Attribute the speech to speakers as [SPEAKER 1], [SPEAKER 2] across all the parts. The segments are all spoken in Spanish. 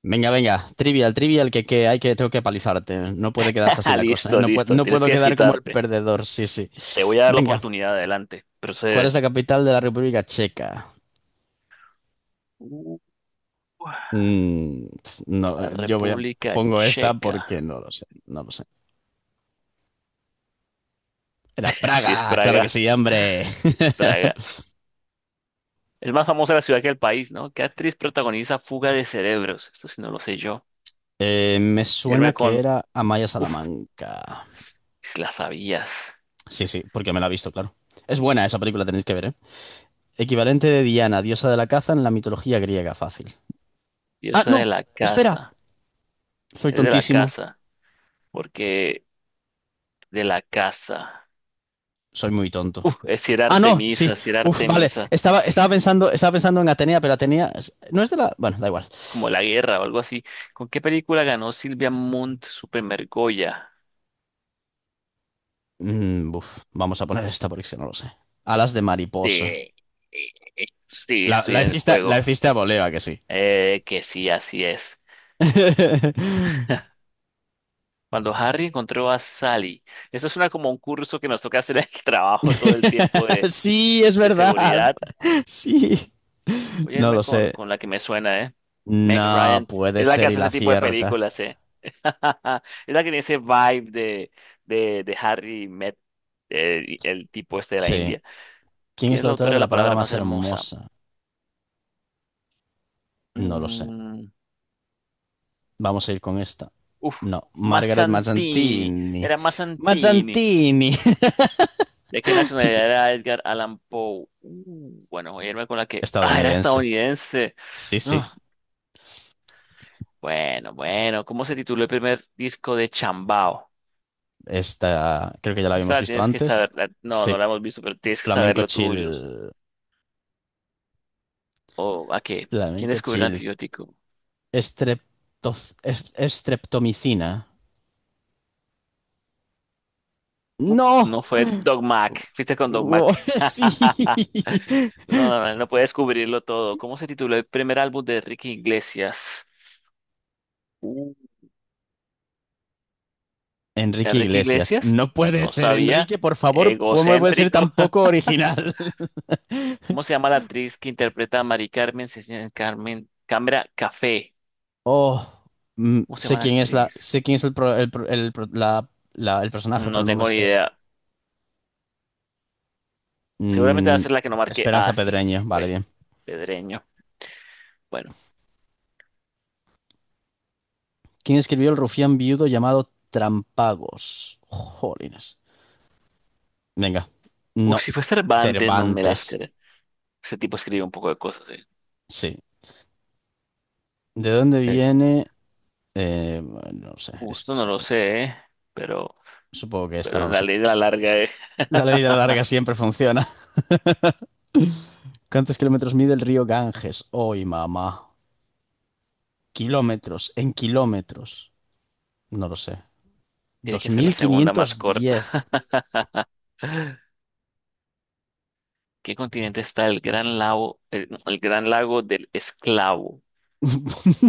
[SPEAKER 1] Venga, venga, trivial, trivial, que hay que tengo que palizarte. No puede quedarse así la cosa, ¿eh?
[SPEAKER 2] Listo,
[SPEAKER 1] No,
[SPEAKER 2] listo.
[SPEAKER 1] no
[SPEAKER 2] Tienes
[SPEAKER 1] puedo
[SPEAKER 2] que
[SPEAKER 1] quedar como el
[SPEAKER 2] desquitarte.
[SPEAKER 1] perdedor, sí, sí.
[SPEAKER 2] Te voy a dar la
[SPEAKER 1] Venga,
[SPEAKER 2] oportunidad. Adelante.
[SPEAKER 1] ¿cuál es
[SPEAKER 2] Procede.
[SPEAKER 1] la capital de la República Checa?
[SPEAKER 2] Uh,
[SPEAKER 1] Mm, no, yo voy a
[SPEAKER 2] República
[SPEAKER 1] pongo esta
[SPEAKER 2] Checa.
[SPEAKER 1] porque no lo sé, no lo sé. Era
[SPEAKER 2] Si es
[SPEAKER 1] Praga, claro que
[SPEAKER 2] Praga.
[SPEAKER 1] sí, hombre.
[SPEAKER 2] Si es Praga. Es más famosa la ciudad que el país, ¿no? ¿Qué actriz protagoniza Fuga de Cerebros? Esto sí no lo sé yo.
[SPEAKER 1] Me suena
[SPEAKER 2] Irme
[SPEAKER 1] que
[SPEAKER 2] con...
[SPEAKER 1] era Amaya
[SPEAKER 2] Uf,
[SPEAKER 1] Salamanca.
[SPEAKER 2] si la sabías.
[SPEAKER 1] Sí, sí, porque me la he visto, claro. Es buena esa película, tenéis que ver, ¿eh? Equivalente de Diana, diosa de la caza en la mitología griega, fácil.
[SPEAKER 2] Yo
[SPEAKER 1] Ah,
[SPEAKER 2] soy de
[SPEAKER 1] no,
[SPEAKER 2] la
[SPEAKER 1] espera.
[SPEAKER 2] casa.
[SPEAKER 1] Soy
[SPEAKER 2] Es de la
[SPEAKER 1] tontísimo.
[SPEAKER 2] casa. Porque de la casa.
[SPEAKER 1] Soy muy tonto.
[SPEAKER 2] Uf, es si era
[SPEAKER 1] Ah, no, sí.
[SPEAKER 2] Artemisa, si era
[SPEAKER 1] Uf, vale.
[SPEAKER 2] Artemisa.
[SPEAKER 1] Estaba pensando en Atenea, pero Atenea no es de la. Bueno, da igual.
[SPEAKER 2] Como La Guerra o algo así. ¿Con qué película ganó Silvia Munt su primer Goya?
[SPEAKER 1] Mm, uf, vamos a poner esta porque es que no lo sé. Alas de
[SPEAKER 2] Sí,
[SPEAKER 1] mariposa.
[SPEAKER 2] sí,
[SPEAKER 1] La,
[SPEAKER 2] estoy
[SPEAKER 1] la
[SPEAKER 2] en el
[SPEAKER 1] hiciste, la
[SPEAKER 2] juego.
[SPEAKER 1] hiciste a voleo, ¿a que sí.
[SPEAKER 2] Que sí, así es. Cuando Harry encontró a Sally. Eso suena como un curso que nos toca hacer en el trabajo todo el tiempo
[SPEAKER 1] Sí, es
[SPEAKER 2] de
[SPEAKER 1] verdad.
[SPEAKER 2] seguridad.
[SPEAKER 1] Sí.
[SPEAKER 2] Voy a
[SPEAKER 1] No
[SPEAKER 2] irme
[SPEAKER 1] lo sé.
[SPEAKER 2] con la que me suena, ¿eh? Meg
[SPEAKER 1] No
[SPEAKER 2] Ryan.
[SPEAKER 1] puede
[SPEAKER 2] Es la que
[SPEAKER 1] ser y
[SPEAKER 2] hace
[SPEAKER 1] la
[SPEAKER 2] ese tipo de
[SPEAKER 1] cierta.
[SPEAKER 2] películas, ¿eh? Es la que tiene ese vibe de Harry Met, el tipo este de la
[SPEAKER 1] Sí.
[SPEAKER 2] India.
[SPEAKER 1] ¿Quién
[SPEAKER 2] ¿Quién
[SPEAKER 1] es
[SPEAKER 2] es
[SPEAKER 1] la
[SPEAKER 2] la
[SPEAKER 1] autora
[SPEAKER 2] autora
[SPEAKER 1] de
[SPEAKER 2] de
[SPEAKER 1] la
[SPEAKER 2] la
[SPEAKER 1] palabra
[SPEAKER 2] palabra más
[SPEAKER 1] más
[SPEAKER 2] hermosa?
[SPEAKER 1] hermosa? No lo sé.
[SPEAKER 2] Mm,
[SPEAKER 1] Vamos a ir con esta.
[SPEAKER 2] uf,
[SPEAKER 1] No, Margaret
[SPEAKER 2] Mazzantini.
[SPEAKER 1] Mazzantini.
[SPEAKER 2] Era Mazzantini.
[SPEAKER 1] Mazzantini.
[SPEAKER 2] ¿De qué nacionalidad era Edgar Allan Poe? Bueno, voy a irme con la que. Ah, era
[SPEAKER 1] Estadounidense.
[SPEAKER 2] estadounidense.
[SPEAKER 1] Sí, sí.
[SPEAKER 2] Ah, bueno, bueno. ¿Cómo se tituló el primer disco de Chambao?
[SPEAKER 1] Esta creo que ya la
[SPEAKER 2] Esta
[SPEAKER 1] habíamos
[SPEAKER 2] la
[SPEAKER 1] visto
[SPEAKER 2] tienes que saber.
[SPEAKER 1] antes.
[SPEAKER 2] La- no,
[SPEAKER 1] Sí.
[SPEAKER 2] no la hemos visto, pero tienes que
[SPEAKER 1] Flamenco
[SPEAKER 2] saberlo tú, yo no sé.
[SPEAKER 1] chill.
[SPEAKER 2] ¿O a qué? ¿Quién
[SPEAKER 1] Flamenco
[SPEAKER 2] descubrió el
[SPEAKER 1] chill.
[SPEAKER 2] antibiótico?
[SPEAKER 1] Estreptomicina.
[SPEAKER 2] No
[SPEAKER 1] ¡No!
[SPEAKER 2] fue Doc Mac. Fuiste con Doc
[SPEAKER 1] Wo-
[SPEAKER 2] Mac.
[SPEAKER 1] Sí.
[SPEAKER 2] No, no, no, no puedes cubrirlo todo. ¿Cómo se tituló el primer álbum de Enrique Iglesias? Uh,
[SPEAKER 1] Enrique
[SPEAKER 2] Enrique
[SPEAKER 1] Iglesias.
[SPEAKER 2] Iglesias,
[SPEAKER 1] No puede
[SPEAKER 2] no
[SPEAKER 1] ser,
[SPEAKER 2] sabía.
[SPEAKER 1] Enrique, por favor, ¿cómo puede ser tan
[SPEAKER 2] Egocéntrico.
[SPEAKER 1] poco original?
[SPEAKER 2] ¿Cómo se llama la actriz que interpreta a Mari Carmen? Se llama Carmen Cámara Café.
[SPEAKER 1] Oh, mm,
[SPEAKER 2] ¿Cómo se llama la actriz?
[SPEAKER 1] sé quién es el, pro- el, pro- el pro- la- la- el personaje, pero
[SPEAKER 2] No
[SPEAKER 1] no me
[SPEAKER 2] tengo ni
[SPEAKER 1] sé.
[SPEAKER 2] idea. Seguramente va a
[SPEAKER 1] Mm,
[SPEAKER 2] ser la que no marqué. Ah,
[SPEAKER 1] Esperanza
[SPEAKER 2] sí, sí,
[SPEAKER 1] Pedreño,
[SPEAKER 2] sí,
[SPEAKER 1] vale,
[SPEAKER 2] fue
[SPEAKER 1] bien.
[SPEAKER 2] Pedreño. Bueno.
[SPEAKER 1] ¿Quién escribió el rufián viudo llamado Trampagos? Jolines. Venga.
[SPEAKER 2] Uf,
[SPEAKER 1] No,
[SPEAKER 2] si fue Cervantes, no me las
[SPEAKER 1] Cervantes.
[SPEAKER 2] creo. Ese tipo escribe un poco de cosas, eh.
[SPEAKER 1] Sí. ¿De dónde
[SPEAKER 2] Eh,
[SPEAKER 1] viene? Bueno, no sé,
[SPEAKER 2] Justo no lo sé, Pero,
[SPEAKER 1] supongo que esta
[SPEAKER 2] pero
[SPEAKER 1] no lo
[SPEAKER 2] la
[SPEAKER 1] sé.
[SPEAKER 2] ley de la larga, eh.
[SPEAKER 1] La ley de la larga siempre funciona. ¿Cuántos kilómetros mide el río Ganges? Hoy, mamá. Kilómetros, en kilómetros. No lo sé.
[SPEAKER 2] Tiene que ser la segunda más corta.
[SPEAKER 1] 2510.
[SPEAKER 2] ¿Qué continente está el Gran Lago, el, no, el Gran Lago del Esclavo?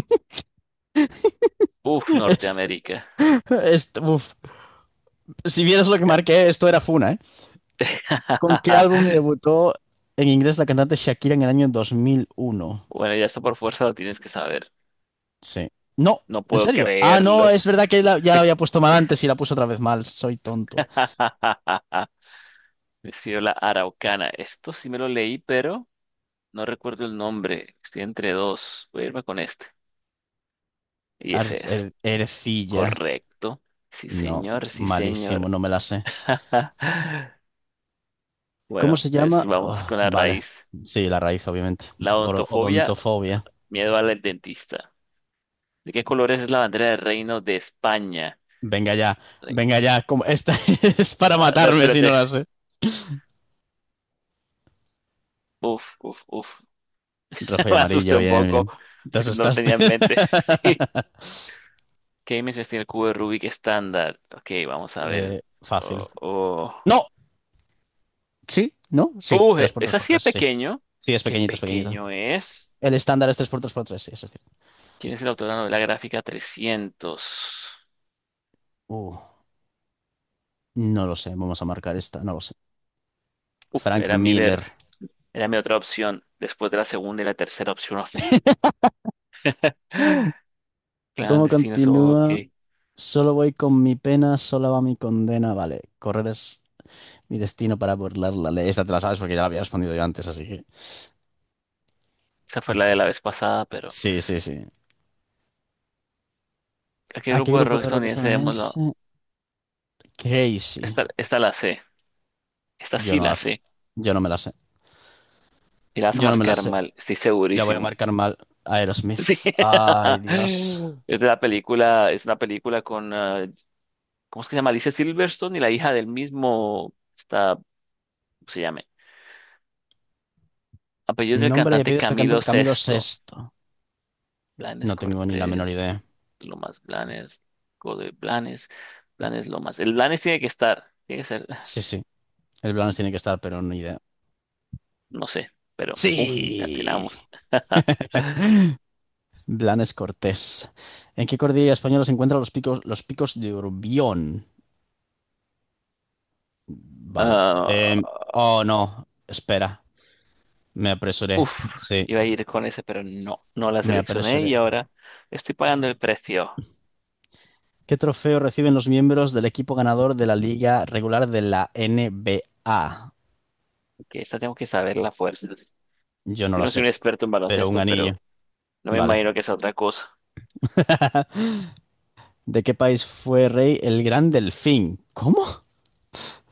[SPEAKER 2] Uf,
[SPEAKER 1] Es-
[SPEAKER 2] Norteamérica.
[SPEAKER 1] Uf. Si vieras lo que
[SPEAKER 2] Ya-
[SPEAKER 1] marqué, esto era Funa, ¿eh? ¿Con qué álbum debutó en inglés la cantante Shakira en el año 2001?
[SPEAKER 2] Bueno, ya está por fuerza, lo tienes que saber.
[SPEAKER 1] Sí. No,
[SPEAKER 2] No
[SPEAKER 1] en
[SPEAKER 2] puedo
[SPEAKER 1] serio. Ah, no,
[SPEAKER 2] creerlo.
[SPEAKER 1] es verdad que ya la había puesto mal antes y la puse otra vez mal. Soy tonto.
[SPEAKER 2] La Araucana. Esto sí me lo leí, pero no recuerdo el nombre. Estoy entre dos. Voy a irme con este. Y ese es.
[SPEAKER 1] Ercilla.
[SPEAKER 2] Correcto. Sí,
[SPEAKER 1] No,
[SPEAKER 2] señor, sí,
[SPEAKER 1] malísimo,
[SPEAKER 2] señor.
[SPEAKER 1] no me la sé. ¿Cómo
[SPEAKER 2] Bueno,
[SPEAKER 1] se
[SPEAKER 2] pues
[SPEAKER 1] llama? Oh,
[SPEAKER 2] vamos con la
[SPEAKER 1] vale.
[SPEAKER 2] raíz.
[SPEAKER 1] Sí, la raíz, obviamente.
[SPEAKER 2] La odontofobia,
[SPEAKER 1] Odontofobia.
[SPEAKER 2] miedo al dentista. ¿De qué colores es la bandera del Reino de España?
[SPEAKER 1] Venga ya,
[SPEAKER 2] Re-
[SPEAKER 1] venga ya. Esta es para
[SPEAKER 2] a ver,
[SPEAKER 1] matarme si no
[SPEAKER 2] espérate.
[SPEAKER 1] la sé.
[SPEAKER 2] Uf, uf, uf.
[SPEAKER 1] Rojo y
[SPEAKER 2] Me asusté
[SPEAKER 1] amarillo,
[SPEAKER 2] un
[SPEAKER 1] bien,
[SPEAKER 2] poco
[SPEAKER 1] bien. Te
[SPEAKER 2] porque no lo
[SPEAKER 1] asustaste.
[SPEAKER 2] tenía en mente. Sí. ¿Qué dimensiones tiene el cubo de Rubik estándar? Ok, vamos a ver.
[SPEAKER 1] Fácil.
[SPEAKER 2] Oh, oh.
[SPEAKER 1] No, sí, no, sí. 3 por
[SPEAKER 2] Es
[SPEAKER 1] 3 por
[SPEAKER 2] así de
[SPEAKER 1] 3 sí.
[SPEAKER 2] pequeño.
[SPEAKER 1] Sí, es
[SPEAKER 2] ¿Qué
[SPEAKER 1] pequeñito, es pequeñito.
[SPEAKER 2] pequeño es?
[SPEAKER 1] El estándar es 3 por 3 por 3 sí, eso es cierto.
[SPEAKER 2] ¿Quién es el autor de la novela gráfica 300?
[SPEAKER 1] Uh, no lo sé, vamos a marcar esta, no lo sé.
[SPEAKER 2] Uf,
[SPEAKER 1] Frank
[SPEAKER 2] era
[SPEAKER 1] Miller.
[SPEAKER 2] Miller. Era mi otra opción. Después de la segunda y la tercera opción.
[SPEAKER 1] Mm. ¿Cómo
[SPEAKER 2] Clandestinos,
[SPEAKER 1] continúa?
[SPEAKER 2] ok.
[SPEAKER 1] Solo voy con mi pena, sola va mi condena. Vale, correr es mi destino para burlar la ley. Esta te la sabes porque ya la había respondido yo antes, así que.
[SPEAKER 2] Esa fue la de la vez pasada, pero
[SPEAKER 1] Sí, sí, sí.
[SPEAKER 2] ¿a qué
[SPEAKER 1] ¿A qué
[SPEAKER 2] grupo de
[SPEAKER 1] grupo
[SPEAKER 2] rock
[SPEAKER 1] de rock
[SPEAKER 2] estadounidense
[SPEAKER 1] estadounidense?
[SPEAKER 2] démoslo?
[SPEAKER 1] Crazy.
[SPEAKER 2] Esta la sé. Esta
[SPEAKER 1] Yo
[SPEAKER 2] sí
[SPEAKER 1] no
[SPEAKER 2] la
[SPEAKER 1] las,
[SPEAKER 2] sé.
[SPEAKER 1] yo no me las sé.
[SPEAKER 2] Y la vas a
[SPEAKER 1] Yo no me las
[SPEAKER 2] marcar
[SPEAKER 1] sé.
[SPEAKER 2] mal, estoy
[SPEAKER 1] La voy a
[SPEAKER 2] segurísimo.
[SPEAKER 1] marcar mal. Aerosmith.
[SPEAKER 2] Sí.
[SPEAKER 1] Ay, Dios.
[SPEAKER 2] Es de la película, es una película con, ah, ¿cómo es que se llama? Alicia Silverstone y la hija del mismo, está, ¿cómo se llama? Apellido es del
[SPEAKER 1] Nombre y
[SPEAKER 2] cantante
[SPEAKER 1] apellidos del
[SPEAKER 2] Camilo
[SPEAKER 1] cantante Camilo
[SPEAKER 2] Sesto.
[SPEAKER 1] Sesto.
[SPEAKER 2] Blanes
[SPEAKER 1] No tengo ni la menor
[SPEAKER 2] Cortés,
[SPEAKER 1] idea.
[SPEAKER 2] Lomas Blanes, Godoy Blanes, Blanes Lomas. El Blanes tiene que estar, tiene que ser,
[SPEAKER 1] Sí, sí. El Blanes tiene que estar, pero ni idea.
[SPEAKER 2] no sé, pero, uff, ya
[SPEAKER 1] ¡Sí!
[SPEAKER 2] tenemos.
[SPEAKER 1] Blanes Cortés. ¿En qué cordillera española se encuentran los picos de Urbión? Vale. Oh, no. Espera. Me apresuré.
[SPEAKER 2] Uf,
[SPEAKER 1] Sí,
[SPEAKER 2] iba a ir con ese, pero no, no la
[SPEAKER 1] me
[SPEAKER 2] seleccioné
[SPEAKER 1] apresuré.
[SPEAKER 2] y ahora estoy pagando el precio,
[SPEAKER 1] ¿Qué trofeo reciben los miembros del equipo ganador de la liga regular de la NBA?
[SPEAKER 2] que esta tengo que saber las fuerzas.
[SPEAKER 1] Yo no
[SPEAKER 2] Yo
[SPEAKER 1] lo
[SPEAKER 2] no soy
[SPEAKER 1] sé,
[SPEAKER 2] un experto en
[SPEAKER 1] pero un
[SPEAKER 2] baloncesto,
[SPEAKER 1] anillo.
[SPEAKER 2] pero no me
[SPEAKER 1] Vale.
[SPEAKER 2] imagino que sea otra cosa.
[SPEAKER 1] ¿De qué país fue rey el Gran Delfín? ¿Cómo?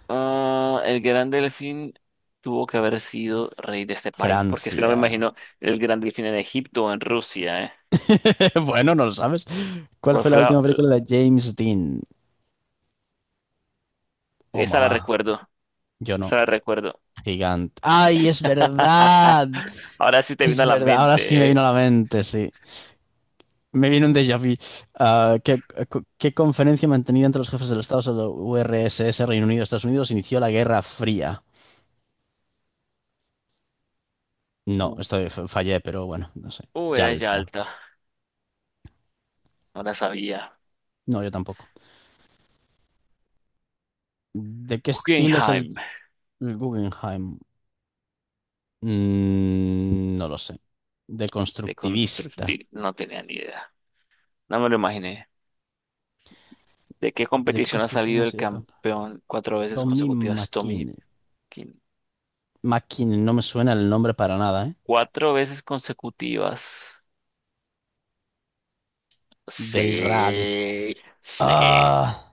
[SPEAKER 2] Ah, el Gran Delfín tuvo que haber sido rey de este país, porque es que no me
[SPEAKER 1] Francia.
[SPEAKER 2] imagino el Gran Delfín en Egipto o en Rusia, ¿eh?
[SPEAKER 1] Bueno, no lo sabes. ¿Cuál
[SPEAKER 2] ¿Cuál
[SPEAKER 1] fue la
[SPEAKER 2] fue la...
[SPEAKER 1] última película de James Dean? Oh,
[SPEAKER 2] Esa la
[SPEAKER 1] mamá.
[SPEAKER 2] recuerdo,
[SPEAKER 1] Yo no.
[SPEAKER 2] esa la recuerdo.
[SPEAKER 1] Gigante. ¡Ay, es verdad!
[SPEAKER 2] Ahora sí te vino a
[SPEAKER 1] Es
[SPEAKER 2] la
[SPEAKER 1] verdad. Ahora sí me
[SPEAKER 2] mente,
[SPEAKER 1] vino
[SPEAKER 2] ¿eh?
[SPEAKER 1] a la mente, sí. Me viene un déjà vu. Ah, ¿qué conferencia mantenida entre los jefes de los Estados de la URSS, Reino Unido, Estados Unidos, inició la Guerra Fría? No,
[SPEAKER 2] Uh,
[SPEAKER 1] esto fallé, pero bueno, no sé.
[SPEAKER 2] Era
[SPEAKER 1] Yalta.
[SPEAKER 2] Yalta, no la sabía.
[SPEAKER 1] No, yo tampoco. ¿De qué estilo es
[SPEAKER 2] Guggenheim.
[SPEAKER 1] el Guggenheim? Mm, no lo sé. De
[SPEAKER 2] De
[SPEAKER 1] constructivista.
[SPEAKER 2] construir, no tenía ni idea. No me lo imaginé. ¿De qué
[SPEAKER 1] ¿De qué
[SPEAKER 2] competición ha
[SPEAKER 1] competición
[SPEAKER 2] salido
[SPEAKER 1] ha
[SPEAKER 2] el
[SPEAKER 1] sido campeón?
[SPEAKER 2] campeón cuatro veces
[SPEAKER 1] Tommy
[SPEAKER 2] consecutivas, Tommy
[SPEAKER 1] McKinnon.
[SPEAKER 2] King?
[SPEAKER 1] McKinnon, no me suena el nombre para nada, ¿eh?
[SPEAKER 2] Cuatro veces consecutivas.
[SPEAKER 1] Del rally.
[SPEAKER 2] Sí, sí.
[SPEAKER 1] Ah.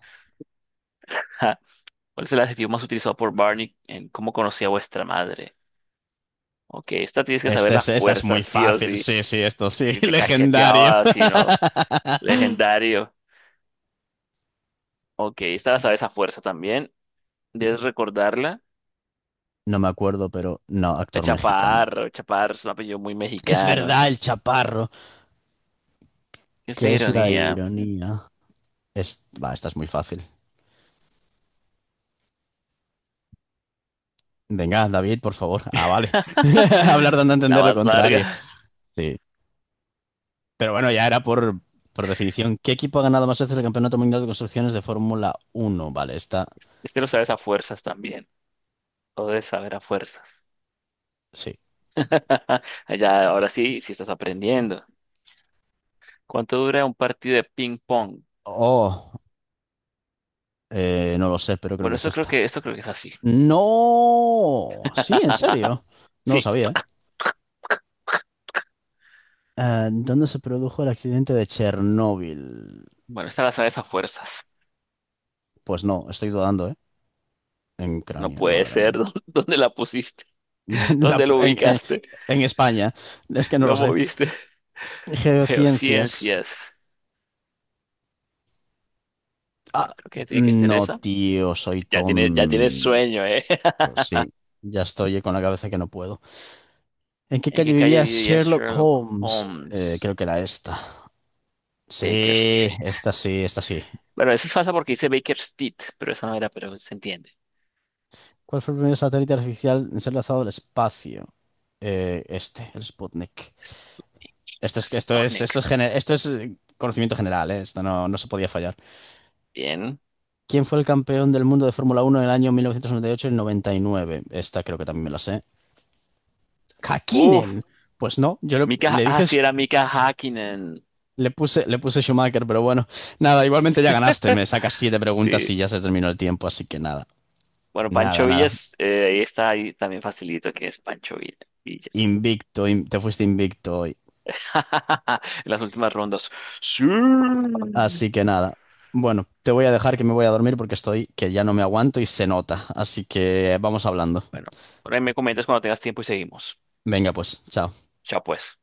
[SPEAKER 2] Ja. ¿Cuál es el adjetivo más utilizado por Barney en cómo conocí a vuestra madre? Ok, esta tienes que saber la
[SPEAKER 1] Esta es
[SPEAKER 2] fuerza,
[SPEAKER 1] muy
[SPEAKER 2] sí o
[SPEAKER 1] fácil,
[SPEAKER 2] sí.
[SPEAKER 1] sí, sí, esto sí,
[SPEAKER 2] Si te
[SPEAKER 1] legendario.
[SPEAKER 2] cacheteaba, si no, legendario. Ok, esta la sabes a fuerza también. Debes recordarla.
[SPEAKER 1] No me acuerdo, pero no, actor mexicano.
[SPEAKER 2] Chaparro, Chaparro es un apellido muy
[SPEAKER 1] Es
[SPEAKER 2] mexicano.
[SPEAKER 1] verdad, el chaparro,
[SPEAKER 2] Es la
[SPEAKER 1] que es la
[SPEAKER 2] ironía,
[SPEAKER 1] ironía. Es, va, esta es muy fácil. Venga, David, por favor. Ah, vale. Hablar dando a
[SPEAKER 2] la
[SPEAKER 1] entender lo
[SPEAKER 2] más
[SPEAKER 1] contrario.
[SPEAKER 2] larga.
[SPEAKER 1] Sí. Pero bueno, ya era por definición. ¿Qué equipo ha ganado más veces el Campeonato Mundial de Construcciones de Fórmula uno? Vale, esta,
[SPEAKER 2] Este lo sabes a fuerzas también. Lo debes saber a fuerzas.
[SPEAKER 1] sí.
[SPEAKER 2] Ya, ahora sí, sí estás aprendiendo. ¿Cuánto dura un partido de ping pong?
[SPEAKER 1] Oh, no lo sé, pero creo
[SPEAKER 2] Bueno,
[SPEAKER 1] que es esta.
[SPEAKER 2] esto creo que es así.
[SPEAKER 1] No, sí, en serio. No lo
[SPEAKER 2] Sí,
[SPEAKER 1] sabía, ¿eh? Ah, ¿dónde se produjo el accidente de Chernóbil?
[SPEAKER 2] bueno, esta la sabes a fuerzas.
[SPEAKER 1] Pues no, estoy dudando, ¿eh? En
[SPEAKER 2] No
[SPEAKER 1] Ucrania,
[SPEAKER 2] puede
[SPEAKER 1] madre
[SPEAKER 2] ser.
[SPEAKER 1] mía.
[SPEAKER 2] ¿Dó- ¿dónde la pusiste?
[SPEAKER 1] La
[SPEAKER 2] ¿Dónde
[SPEAKER 1] pu-
[SPEAKER 2] lo
[SPEAKER 1] en, en-
[SPEAKER 2] ubicaste?
[SPEAKER 1] en España, es que no lo
[SPEAKER 2] ¿Lo
[SPEAKER 1] sé.
[SPEAKER 2] moviste?
[SPEAKER 1] Geociencias.
[SPEAKER 2] Geociencias.
[SPEAKER 1] Ah,
[SPEAKER 2] Bueno, creo que tiene que ser
[SPEAKER 1] no,
[SPEAKER 2] esa.
[SPEAKER 1] tío, soy
[SPEAKER 2] Ya tiene
[SPEAKER 1] tonto.
[SPEAKER 2] sueño, ¿eh?
[SPEAKER 1] Sí, ya estoy con la cabeza que no puedo. ¿En qué
[SPEAKER 2] ¿En
[SPEAKER 1] calle
[SPEAKER 2] qué calle
[SPEAKER 1] vivía
[SPEAKER 2] vivía
[SPEAKER 1] Sherlock
[SPEAKER 2] Sherlock
[SPEAKER 1] Holmes?
[SPEAKER 2] Holmes?
[SPEAKER 1] Creo que era esta.
[SPEAKER 2] Baker
[SPEAKER 1] Sí,
[SPEAKER 2] Street.
[SPEAKER 1] esta sí, esta sí.
[SPEAKER 2] Bueno, eso es falsa porque dice Baker Street, pero esa no era, pero se entiende.
[SPEAKER 1] ¿Cuál fue el primer satélite artificial en ser lanzado al espacio? Este, el Sputnik.
[SPEAKER 2] Es- es
[SPEAKER 1] Esto
[SPEAKER 2] Sputnik.
[SPEAKER 1] es, esto es conocimiento general, ¿eh? Esto no, no se podía fallar.
[SPEAKER 2] Bien.
[SPEAKER 1] ¿Quién fue el campeón del mundo de Fórmula Uno en el año 1998 y 99? Esta creo que también me la sé.
[SPEAKER 2] Uf,
[SPEAKER 1] ¡Hakkinen! Pues no,
[SPEAKER 2] Mika,
[SPEAKER 1] le
[SPEAKER 2] ah,
[SPEAKER 1] dije,
[SPEAKER 2] sí, era Mika Hakkinen.
[SPEAKER 1] le puse Schumacher, pero bueno. Nada, igualmente ya ganaste. Me sacas 7 preguntas
[SPEAKER 2] Sí.
[SPEAKER 1] y ya se terminó el tiempo, así que nada.
[SPEAKER 2] Bueno,
[SPEAKER 1] Nada,
[SPEAKER 2] Pancho
[SPEAKER 1] nada.
[SPEAKER 2] Villas, ahí está, ahí también facilito que es Pancho Villa. Villa.
[SPEAKER 1] Te fuiste invicto hoy.
[SPEAKER 2] En las últimas rondas. Sí. Bueno,
[SPEAKER 1] Así que nada. Bueno, te voy a dejar que me voy a dormir porque estoy que ya no me aguanto y se nota. Así que vamos hablando.
[SPEAKER 2] por ahí me comentas cuando tengas tiempo y seguimos.
[SPEAKER 1] Venga, pues, chao.
[SPEAKER 2] Chao, pues.